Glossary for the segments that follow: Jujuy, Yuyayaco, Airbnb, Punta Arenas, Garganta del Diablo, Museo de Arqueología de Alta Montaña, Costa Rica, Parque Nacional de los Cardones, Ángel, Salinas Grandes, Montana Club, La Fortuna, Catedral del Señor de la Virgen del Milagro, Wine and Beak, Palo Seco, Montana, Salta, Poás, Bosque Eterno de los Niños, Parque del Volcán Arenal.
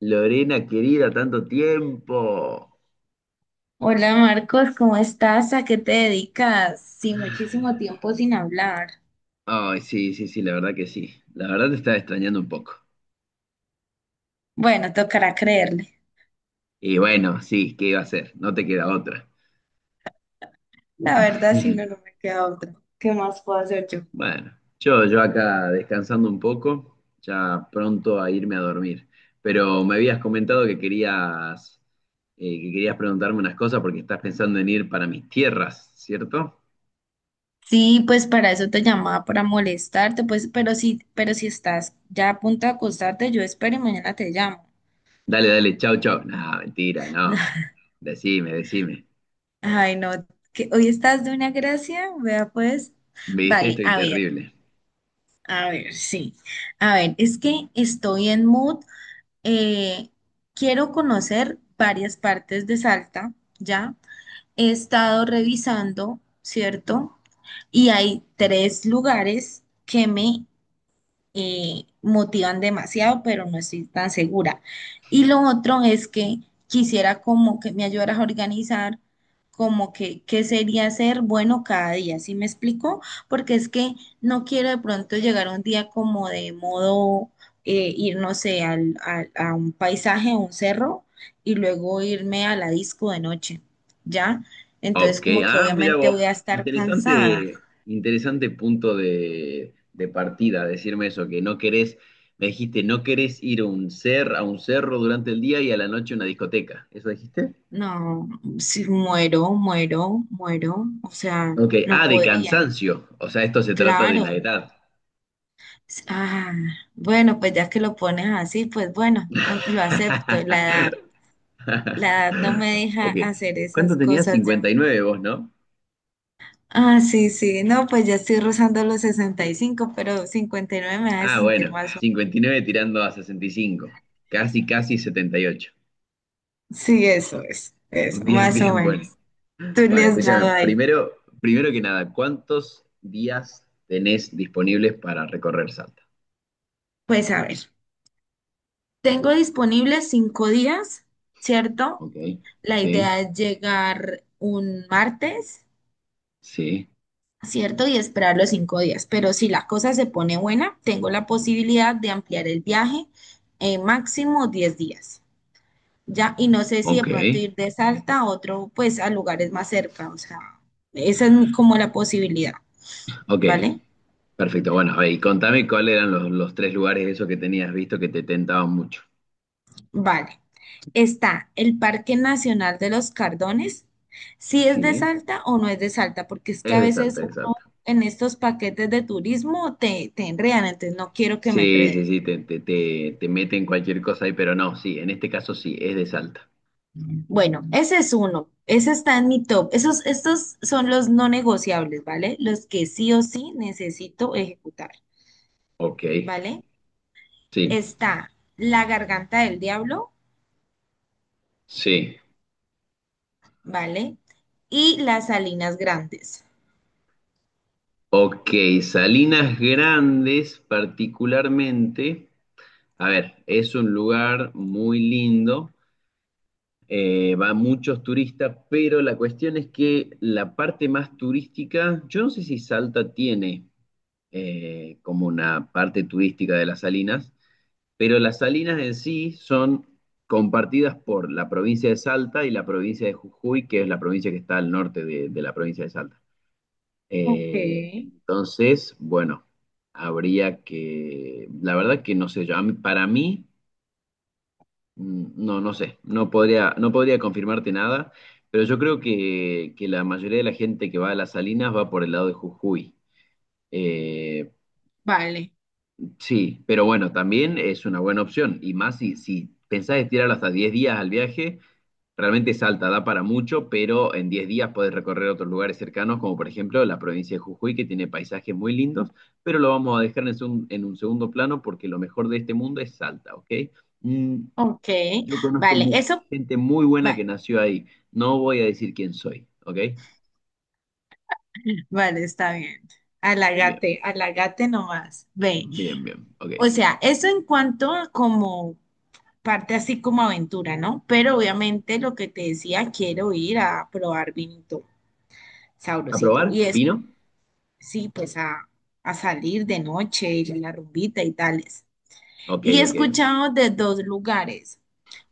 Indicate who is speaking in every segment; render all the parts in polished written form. Speaker 1: Lorena querida, tanto tiempo.
Speaker 2: Hola Marcos, ¿cómo estás? ¿A qué te dedicas? Sí, muchísimo tiempo sin hablar.
Speaker 1: Ay, sí, sí, sí, la verdad que sí. La verdad te estaba extrañando un poco.
Speaker 2: Bueno, tocará creerle.
Speaker 1: Y bueno, sí, ¿qué iba a hacer? No te queda otra.
Speaker 2: La verdad, si no, no me queda otra. ¿Qué más puedo hacer yo?
Speaker 1: Bueno, yo acá descansando un poco, ya pronto a irme a dormir. Pero me habías comentado que querías preguntarme unas cosas porque estás pensando en ir para mis tierras, ¿cierto?
Speaker 2: Sí, pues para eso te llamaba, para molestarte, pues, pero sí, pero si estás ya a punto de acostarte, yo espero y mañana te llamo.
Speaker 1: Dale, dale, chau, chau. No, mentira, no. Decime, decime.
Speaker 2: Ay, no, que hoy estás de una gracia, vea pues.
Speaker 1: Viste,
Speaker 2: Vale,
Speaker 1: estoy terrible.
Speaker 2: a ver, sí. A ver, es que estoy en mood, eh, quiero conocer varias partes de Salta, ¿ya? He estado revisando, ¿cierto? Y hay tres lugares que me motivan demasiado, pero no estoy tan segura. Y lo otro es que quisiera como que me ayudaras a organizar como que qué sería ser bueno cada día, ¿sí me explico? Porque es que no quiero de pronto llegar un día como de modo, ir, no sé, a un paisaje, a un cerro, y luego irme a la disco de noche, ¿ya? Entonces
Speaker 1: Ok,
Speaker 2: como que
Speaker 1: mira
Speaker 2: obviamente
Speaker 1: vos,
Speaker 2: voy a estar cansada.
Speaker 1: interesante, interesante punto de partida, decirme eso, que no querés, me dijiste, no querés ir a un a un cerro durante el día y a la noche a una discoteca, ¿eso dijiste?
Speaker 2: No, si muero, muero, muero, o sea,
Speaker 1: Ok,
Speaker 2: no
Speaker 1: de
Speaker 2: podría,
Speaker 1: cansancio, o sea, esto se trata de la
Speaker 2: claro.
Speaker 1: edad.
Speaker 2: Ah, bueno, pues ya que lo pones así, pues bueno, lo acepto, la edad no me deja
Speaker 1: Ok,
Speaker 2: hacer
Speaker 1: ¿cuánto
Speaker 2: esas
Speaker 1: tenías?
Speaker 2: cosas ya.
Speaker 1: 59 vos, ¿no?
Speaker 2: Ah, sí, sí, no, pues ya estoy rozando los 65, pero 59 me hace
Speaker 1: Ah,
Speaker 2: sentir
Speaker 1: bueno,
Speaker 2: más o
Speaker 1: 59 tirando a 65, casi, casi 78.
Speaker 2: menos. Sí, eso es, eso,
Speaker 1: Bien,
Speaker 2: más o
Speaker 1: bien, bueno.
Speaker 2: menos. Tú le
Speaker 1: Bueno,
Speaker 2: has dado
Speaker 1: escúchame,
Speaker 2: ahí.
Speaker 1: primero, primero que nada, ¿cuántos días tenés disponibles para recorrer Salta?
Speaker 2: Pues a ver, tengo disponibles 5 días, ¿cierto?
Speaker 1: Ok,
Speaker 2: La
Speaker 1: sí,
Speaker 2: idea es llegar un martes,
Speaker 1: sí,
Speaker 2: ¿cierto? Y esperar los 5 días. Pero si la cosa se pone buena, tengo la posibilidad de ampliar el viaje en máximo 10 días. Ya, y no sé si de
Speaker 1: ok,
Speaker 2: pronto ir de Salta a otro, pues a lugares más cerca. O sea, esa es como la posibilidad,
Speaker 1: ok,
Speaker 2: ¿vale?
Speaker 1: perfecto. Bueno, a ver, y contame cuáles eran los tres lugares esos que tenías visto que te tentaban mucho.
Speaker 2: Vale. Está el Parque Nacional de los Cardones. Si es de
Speaker 1: Sí,
Speaker 2: Salta o no es de Salta, porque es que
Speaker 1: es
Speaker 2: a
Speaker 1: de Salta,
Speaker 2: veces
Speaker 1: es de Salta.
Speaker 2: en estos paquetes de turismo te enredan, entonces no quiero que me
Speaker 1: Sí, sí,
Speaker 2: enreden.
Speaker 1: sí, te meten cualquier cosa ahí, pero no, sí, en este caso sí, es de Salta.
Speaker 2: Bueno, ese es uno, ese está en mi top. Esos, estos son los no negociables, ¿vale? Los que sí o sí necesito ejecutar,
Speaker 1: Ok,
Speaker 2: ¿vale?
Speaker 1: sí,
Speaker 2: Está la garganta del diablo,
Speaker 1: sí.
Speaker 2: ¿vale? Y las salinas grandes.
Speaker 1: Ok, Salinas Grandes particularmente. A ver, es un lugar muy lindo, va muchos turistas, pero la cuestión es que la parte más turística, yo no sé si Salta tiene, como una parte turística de las salinas, pero las salinas en sí son compartidas por la provincia de Salta y la provincia de Jujuy, que es la provincia que está al norte de la provincia de Salta.
Speaker 2: Ok,
Speaker 1: Entonces, bueno, habría que, la verdad que no sé yo, para mí. No, no sé, no podría, no podría confirmarte nada, pero yo creo que la mayoría de la gente que va a las Salinas va por el lado de Jujuy. Eh,
Speaker 2: vale.
Speaker 1: sí, pero bueno, también es una buena opción, y más si, si pensás estirar hasta 10 días al viaje, realmente Salta da para mucho, pero en 10 días podés recorrer otros lugares cercanos, como por ejemplo la provincia de Jujuy, que tiene paisajes muy lindos, pero lo vamos a dejar en, en un segundo plano porque lo mejor de este mundo es Salta, ¿ok? Mm,
Speaker 2: Ok,
Speaker 1: yo conozco
Speaker 2: vale, eso,
Speaker 1: gente muy buena
Speaker 2: vale,
Speaker 1: que nació ahí. No voy a decir quién soy, ¿ok?
Speaker 2: vale, está bien.
Speaker 1: Bien,
Speaker 2: Alagate, alagate nomás. Ve,
Speaker 1: bien, bien, ok.
Speaker 2: o sea, eso en cuanto como parte así como aventura, ¿no? Pero obviamente lo que te decía, quiero ir a probar vinito sabrosito y
Speaker 1: ¿Aprobar? ¿Vino?
Speaker 2: sí, pues a salir de noche, ir a la rumbita y tales.
Speaker 1: Ok,
Speaker 2: Y he
Speaker 1: ok, ok.
Speaker 2: escuchado de dos lugares,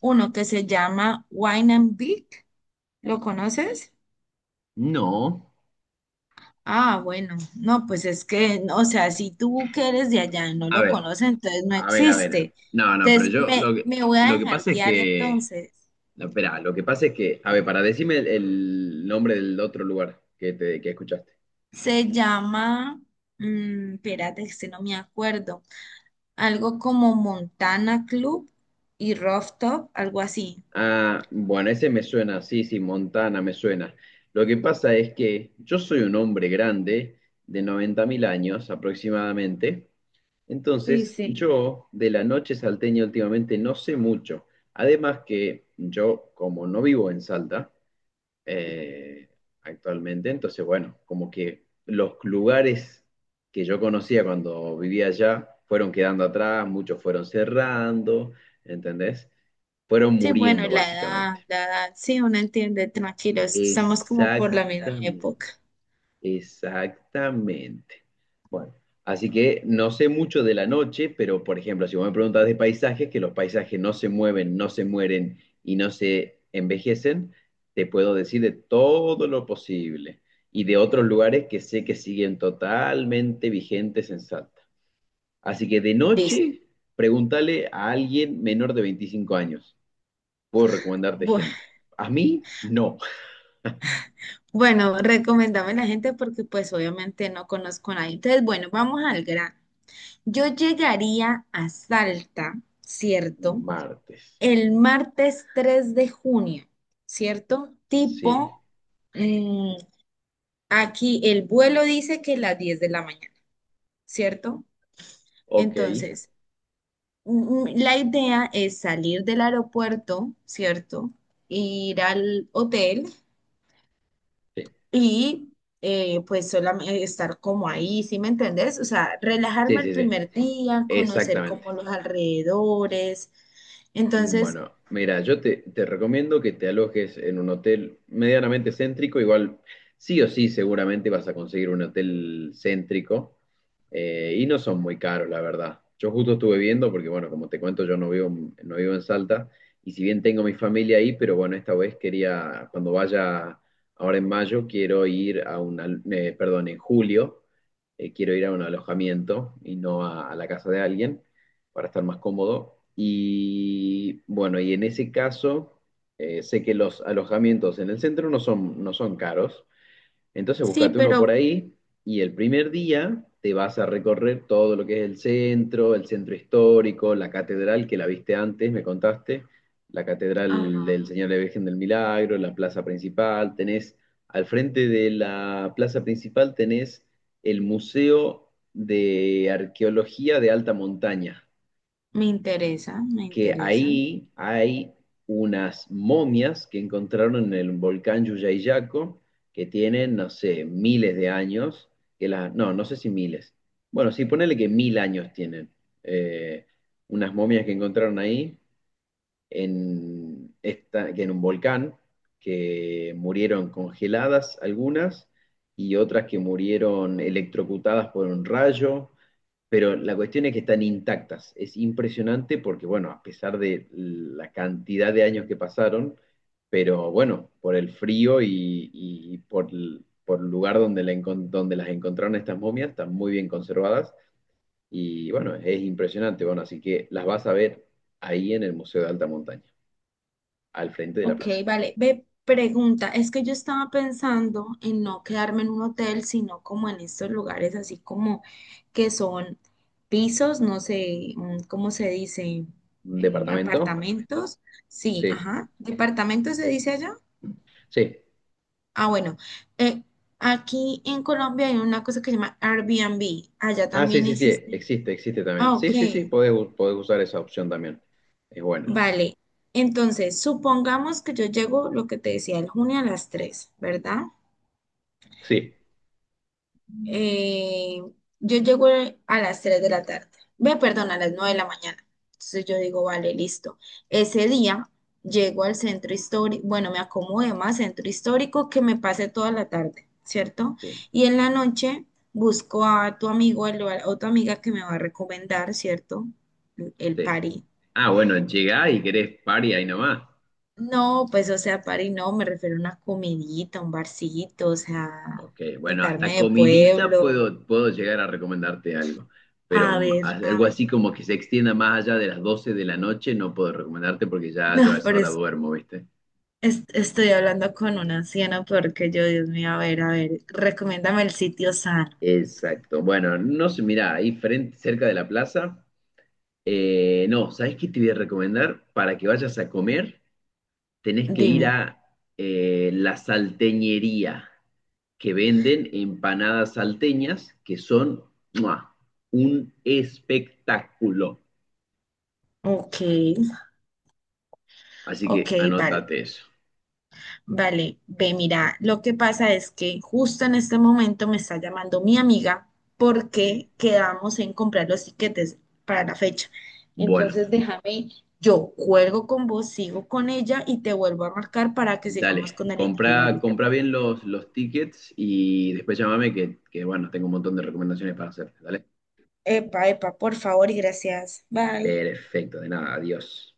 Speaker 2: uno que se llama Wine and Beak, ¿lo conoces?
Speaker 1: No.
Speaker 2: Ah, bueno, no, pues es que, no, o sea, si tú que eres de allá y no
Speaker 1: A
Speaker 2: lo
Speaker 1: ver,
Speaker 2: conoces, entonces no
Speaker 1: a ver, a ver.
Speaker 2: existe.
Speaker 1: No, no, pero
Speaker 2: Entonces,
Speaker 1: yo
Speaker 2: me, me voy a
Speaker 1: lo que
Speaker 2: dejar
Speaker 1: pasa es
Speaker 2: guiar
Speaker 1: que,
Speaker 2: entonces.
Speaker 1: no, espera, lo que pasa es que, a ver, para decirme el nombre del otro lugar que escuchaste.
Speaker 2: Se llama, espérate, este no me acuerdo, algo como Montana Club y Rooftop, algo así.
Speaker 1: Ah, bueno, ese me suena, sí, sí, Montana me suena. Lo que pasa es que yo soy un hombre grande, de 90.000 años aproximadamente,
Speaker 2: Sí,
Speaker 1: entonces
Speaker 2: sí.
Speaker 1: yo de la noche salteña últimamente no sé mucho. Además que yo, como no vivo en Salta, eh, actualmente. Entonces, bueno, como que los lugares que yo conocía cuando vivía allá fueron quedando atrás, muchos fueron cerrando, ¿entendés? Fueron
Speaker 2: Sí, bueno,
Speaker 1: muriendo, básicamente.
Speaker 2: la edad, sí, uno entiende, tranquilos, estamos como por la misma
Speaker 1: Exactamente.
Speaker 2: época.
Speaker 1: Exactamente. Bueno, así que no sé mucho de la noche, pero por ejemplo, si vos me preguntas de paisajes, que los paisajes no se mueven, no se mueren y no se envejecen, te puedo decir de todo lo posible y de otros lugares que sé que siguen totalmente vigentes en Salta. Así que de
Speaker 2: Listo.
Speaker 1: noche, pregúntale a alguien menor de 25 años. Puedo recomendarte
Speaker 2: Bu-
Speaker 1: gente. A mí, no.
Speaker 2: Bueno, recomendame a la gente porque pues obviamente no conozco a nadie. Entonces, bueno, vamos al gran. Yo llegaría a Salta, ¿cierto?
Speaker 1: Martes.
Speaker 2: El martes 3 de junio, ¿cierto?
Speaker 1: Sí.
Speaker 2: Tipo, mm, aquí el vuelo dice que las 10 de la mañana, ¿cierto?
Speaker 1: Ok.
Speaker 2: Entonces, la idea es salir del aeropuerto, ¿cierto? Ir al hotel
Speaker 1: Sí.
Speaker 2: y pues solamente estar como ahí, ¿sí me entendés? O sea,
Speaker 1: Sí,
Speaker 2: relajarme el
Speaker 1: sí, sí,
Speaker 2: primer día, conocer
Speaker 1: exactamente.
Speaker 2: como los alrededores. Entonces,
Speaker 1: Bueno, mira, yo te recomiendo que te alojes en un hotel medianamente céntrico, igual sí o sí seguramente vas a conseguir un hotel céntrico, y no son muy caros, la verdad. Yo justo estuve viendo, porque bueno, como te cuento, yo no vivo en Salta y si bien tengo mi familia ahí, pero bueno, esta vez quería, cuando vaya ahora en mayo, quiero ir a un, perdón, en julio, quiero ir a un alojamiento y no a la casa de alguien para estar más cómodo. Y bueno, y en ese caso, sé que los alojamientos en el centro no son caros. Entonces,
Speaker 2: sí,
Speaker 1: búscate uno por
Speaker 2: pero.
Speaker 1: ahí y el primer día te vas a recorrer todo lo que es el centro histórico, la catedral que la viste antes, me contaste, la catedral
Speaker 2: Ajá.
Speaker 1: del Señor de la Virgen del Milagro, la plaza principal, tenés, al frente de la plaza principal tenés el Museo de Arqueología de Alta Montaña,
Speaker 2: Me interesa, me
Speaker 1: que
Speaker 2: interesa.
Speaker 1: ahí hay unas momias que encontraron en el volcán Yuyayaco, que tienen, no sé, miles de años, que las, no, no sé si miles. Bueno, sí, ponele que 1.000 años tienen. eh, unas momias que encontraron ahí, en un volcán, que murieron congeladas algunas y otras que murieron electrocutadas por un rayo, pero la cuestión es que están intactas. Es impresionante porque, bueno, a pesar de la cantidad de años que pasaron, pero bueno, por el frío y por, por el lugar donde, donde las encontraron estas momias, están muy bien conservadas y bueno, es impresionante. Bueno, así que las vas a ver ahí en el Museo de Alta Montaña, al frente de la
Speaker 2: Ok,
Speaker 1: plaza.
Speaker 2: vale. Ve, pregunta, es que yo estaba pensando en no quedarme en un hotel, sino como en estos lugares así como que son pisos, no sé, ¿cómo se dice?
Speaker 1: ¿Un
Speaker 2: Eh,
Speaker 1: departamento?
Speaker 2: apartamentos. Sí,
Speaker 1: Sí,
Speaker 2: ajá. ¿Departamentos se dice allá?
Speaker 1: sí.
Speaker 2: Ah, bueno. eh, aquí en Colombia hay una cosa que se llama Airbnb. Allá
Speaker 1: Ah, sí,
Speaker 2: también
Speaker 1: sí, sí,
Speaker 2: existe.
Speaker 1: existe, existe también.
Speaker 2: Ah, ok.
Speaker 1: Sí, sí, sí, podés usar esa opción también. Es buena.
Speaker 2: Vale, entonces supongamos que yo llego, lo que te decía, el junio a las 3, ¿verdad?
Speaker 1: Sí.
Speaker 2: Eh, yo llego a las 3 de la tarde, ve, perdón, a las 9 de la mañana. Entonces yo digo, vale, listo. Ese día llego al centro histórico, bueno, me acomodo más centro histórico que me pase toda la tarde, ¿cierto?
Speaker 1: Sí.
Speaker 2: Y en la noche busco a tu amigo o a tu amiga que me va a recomendar, ¿cierto? El
Speaker 1: Sí.
Speaker 2: party.
Speaker 1: Ah, bueno, llegá y querés party ahí nomás.
Speaker 2: No, pues, o sea, party no, me refiero a una comidita, un barcito, o sea,
Speaker 1: Ok, bueno, hasta
Speaker 2: untarme de
Speaker 1: comidita
Speaker 2: pueblo.
Speaker 1: puedo llegar a recomendarte algo, pero
Speaker 2: A ver, a
Speaker 1: algo
Speaker 2: ver.
Speaker 1: así como que se extienda más allá de las 12 de la noche no puedo recomendarte porque ya yo a
Speaker 2: No,
Speaker 1: esa
Speaker 2: pero
Speaker 1: hora duermo, ¿viste?
Speaker 2: estoy hablando con una anciana porque yo, Dios mío, a ver, recomiéndame el sitio sano.
Speaker 1: Exacto. Bueno, no sé, mirá, ahí frente, cerca de la plaza. No, ¿sabes qué te voy a recomendar para que vayas a comer? Tenés que ir
Speaker 2: Dime.
Speaker 1: a, la salteñería, que venden empanadas salteñas que son ¡mua! Un espectáculo.
Speaker 2: Ok,
Speaker 1: Así
Speaker 2: ok,
Speaker 1: que
Speaker 2: vale.
Speaker 1: anótate eso.
Speaker 2: Vale, ve, mira, lo que pasa es que justo en este momento me está llamando mi amiga
Speaker 1: Sí.
Speaker 2: porque quedamos en comprar los tiquetes para la fecha.
Speaker 1: Bueno,
Speaker 2: Entonces déjame, yo cuelgo con vos, sigo con ella y te vuelvo a marcar para que sigamos
Speaker 1: dale.
Speaker 2: con el
Speaker 1: Compra,
Speaker 2: itinerario, ¿te
Speaker 1: compra
Speaker 2: parece?
Speaker 1: bien los tickets y después llámame bueno, tengo un montón de recomendaciones para hacerte, ¿dale?
Speaker 2: Epa, epa, por favor y gracias. Bye.
Speaker 1: Perfecto, de nada, adiós.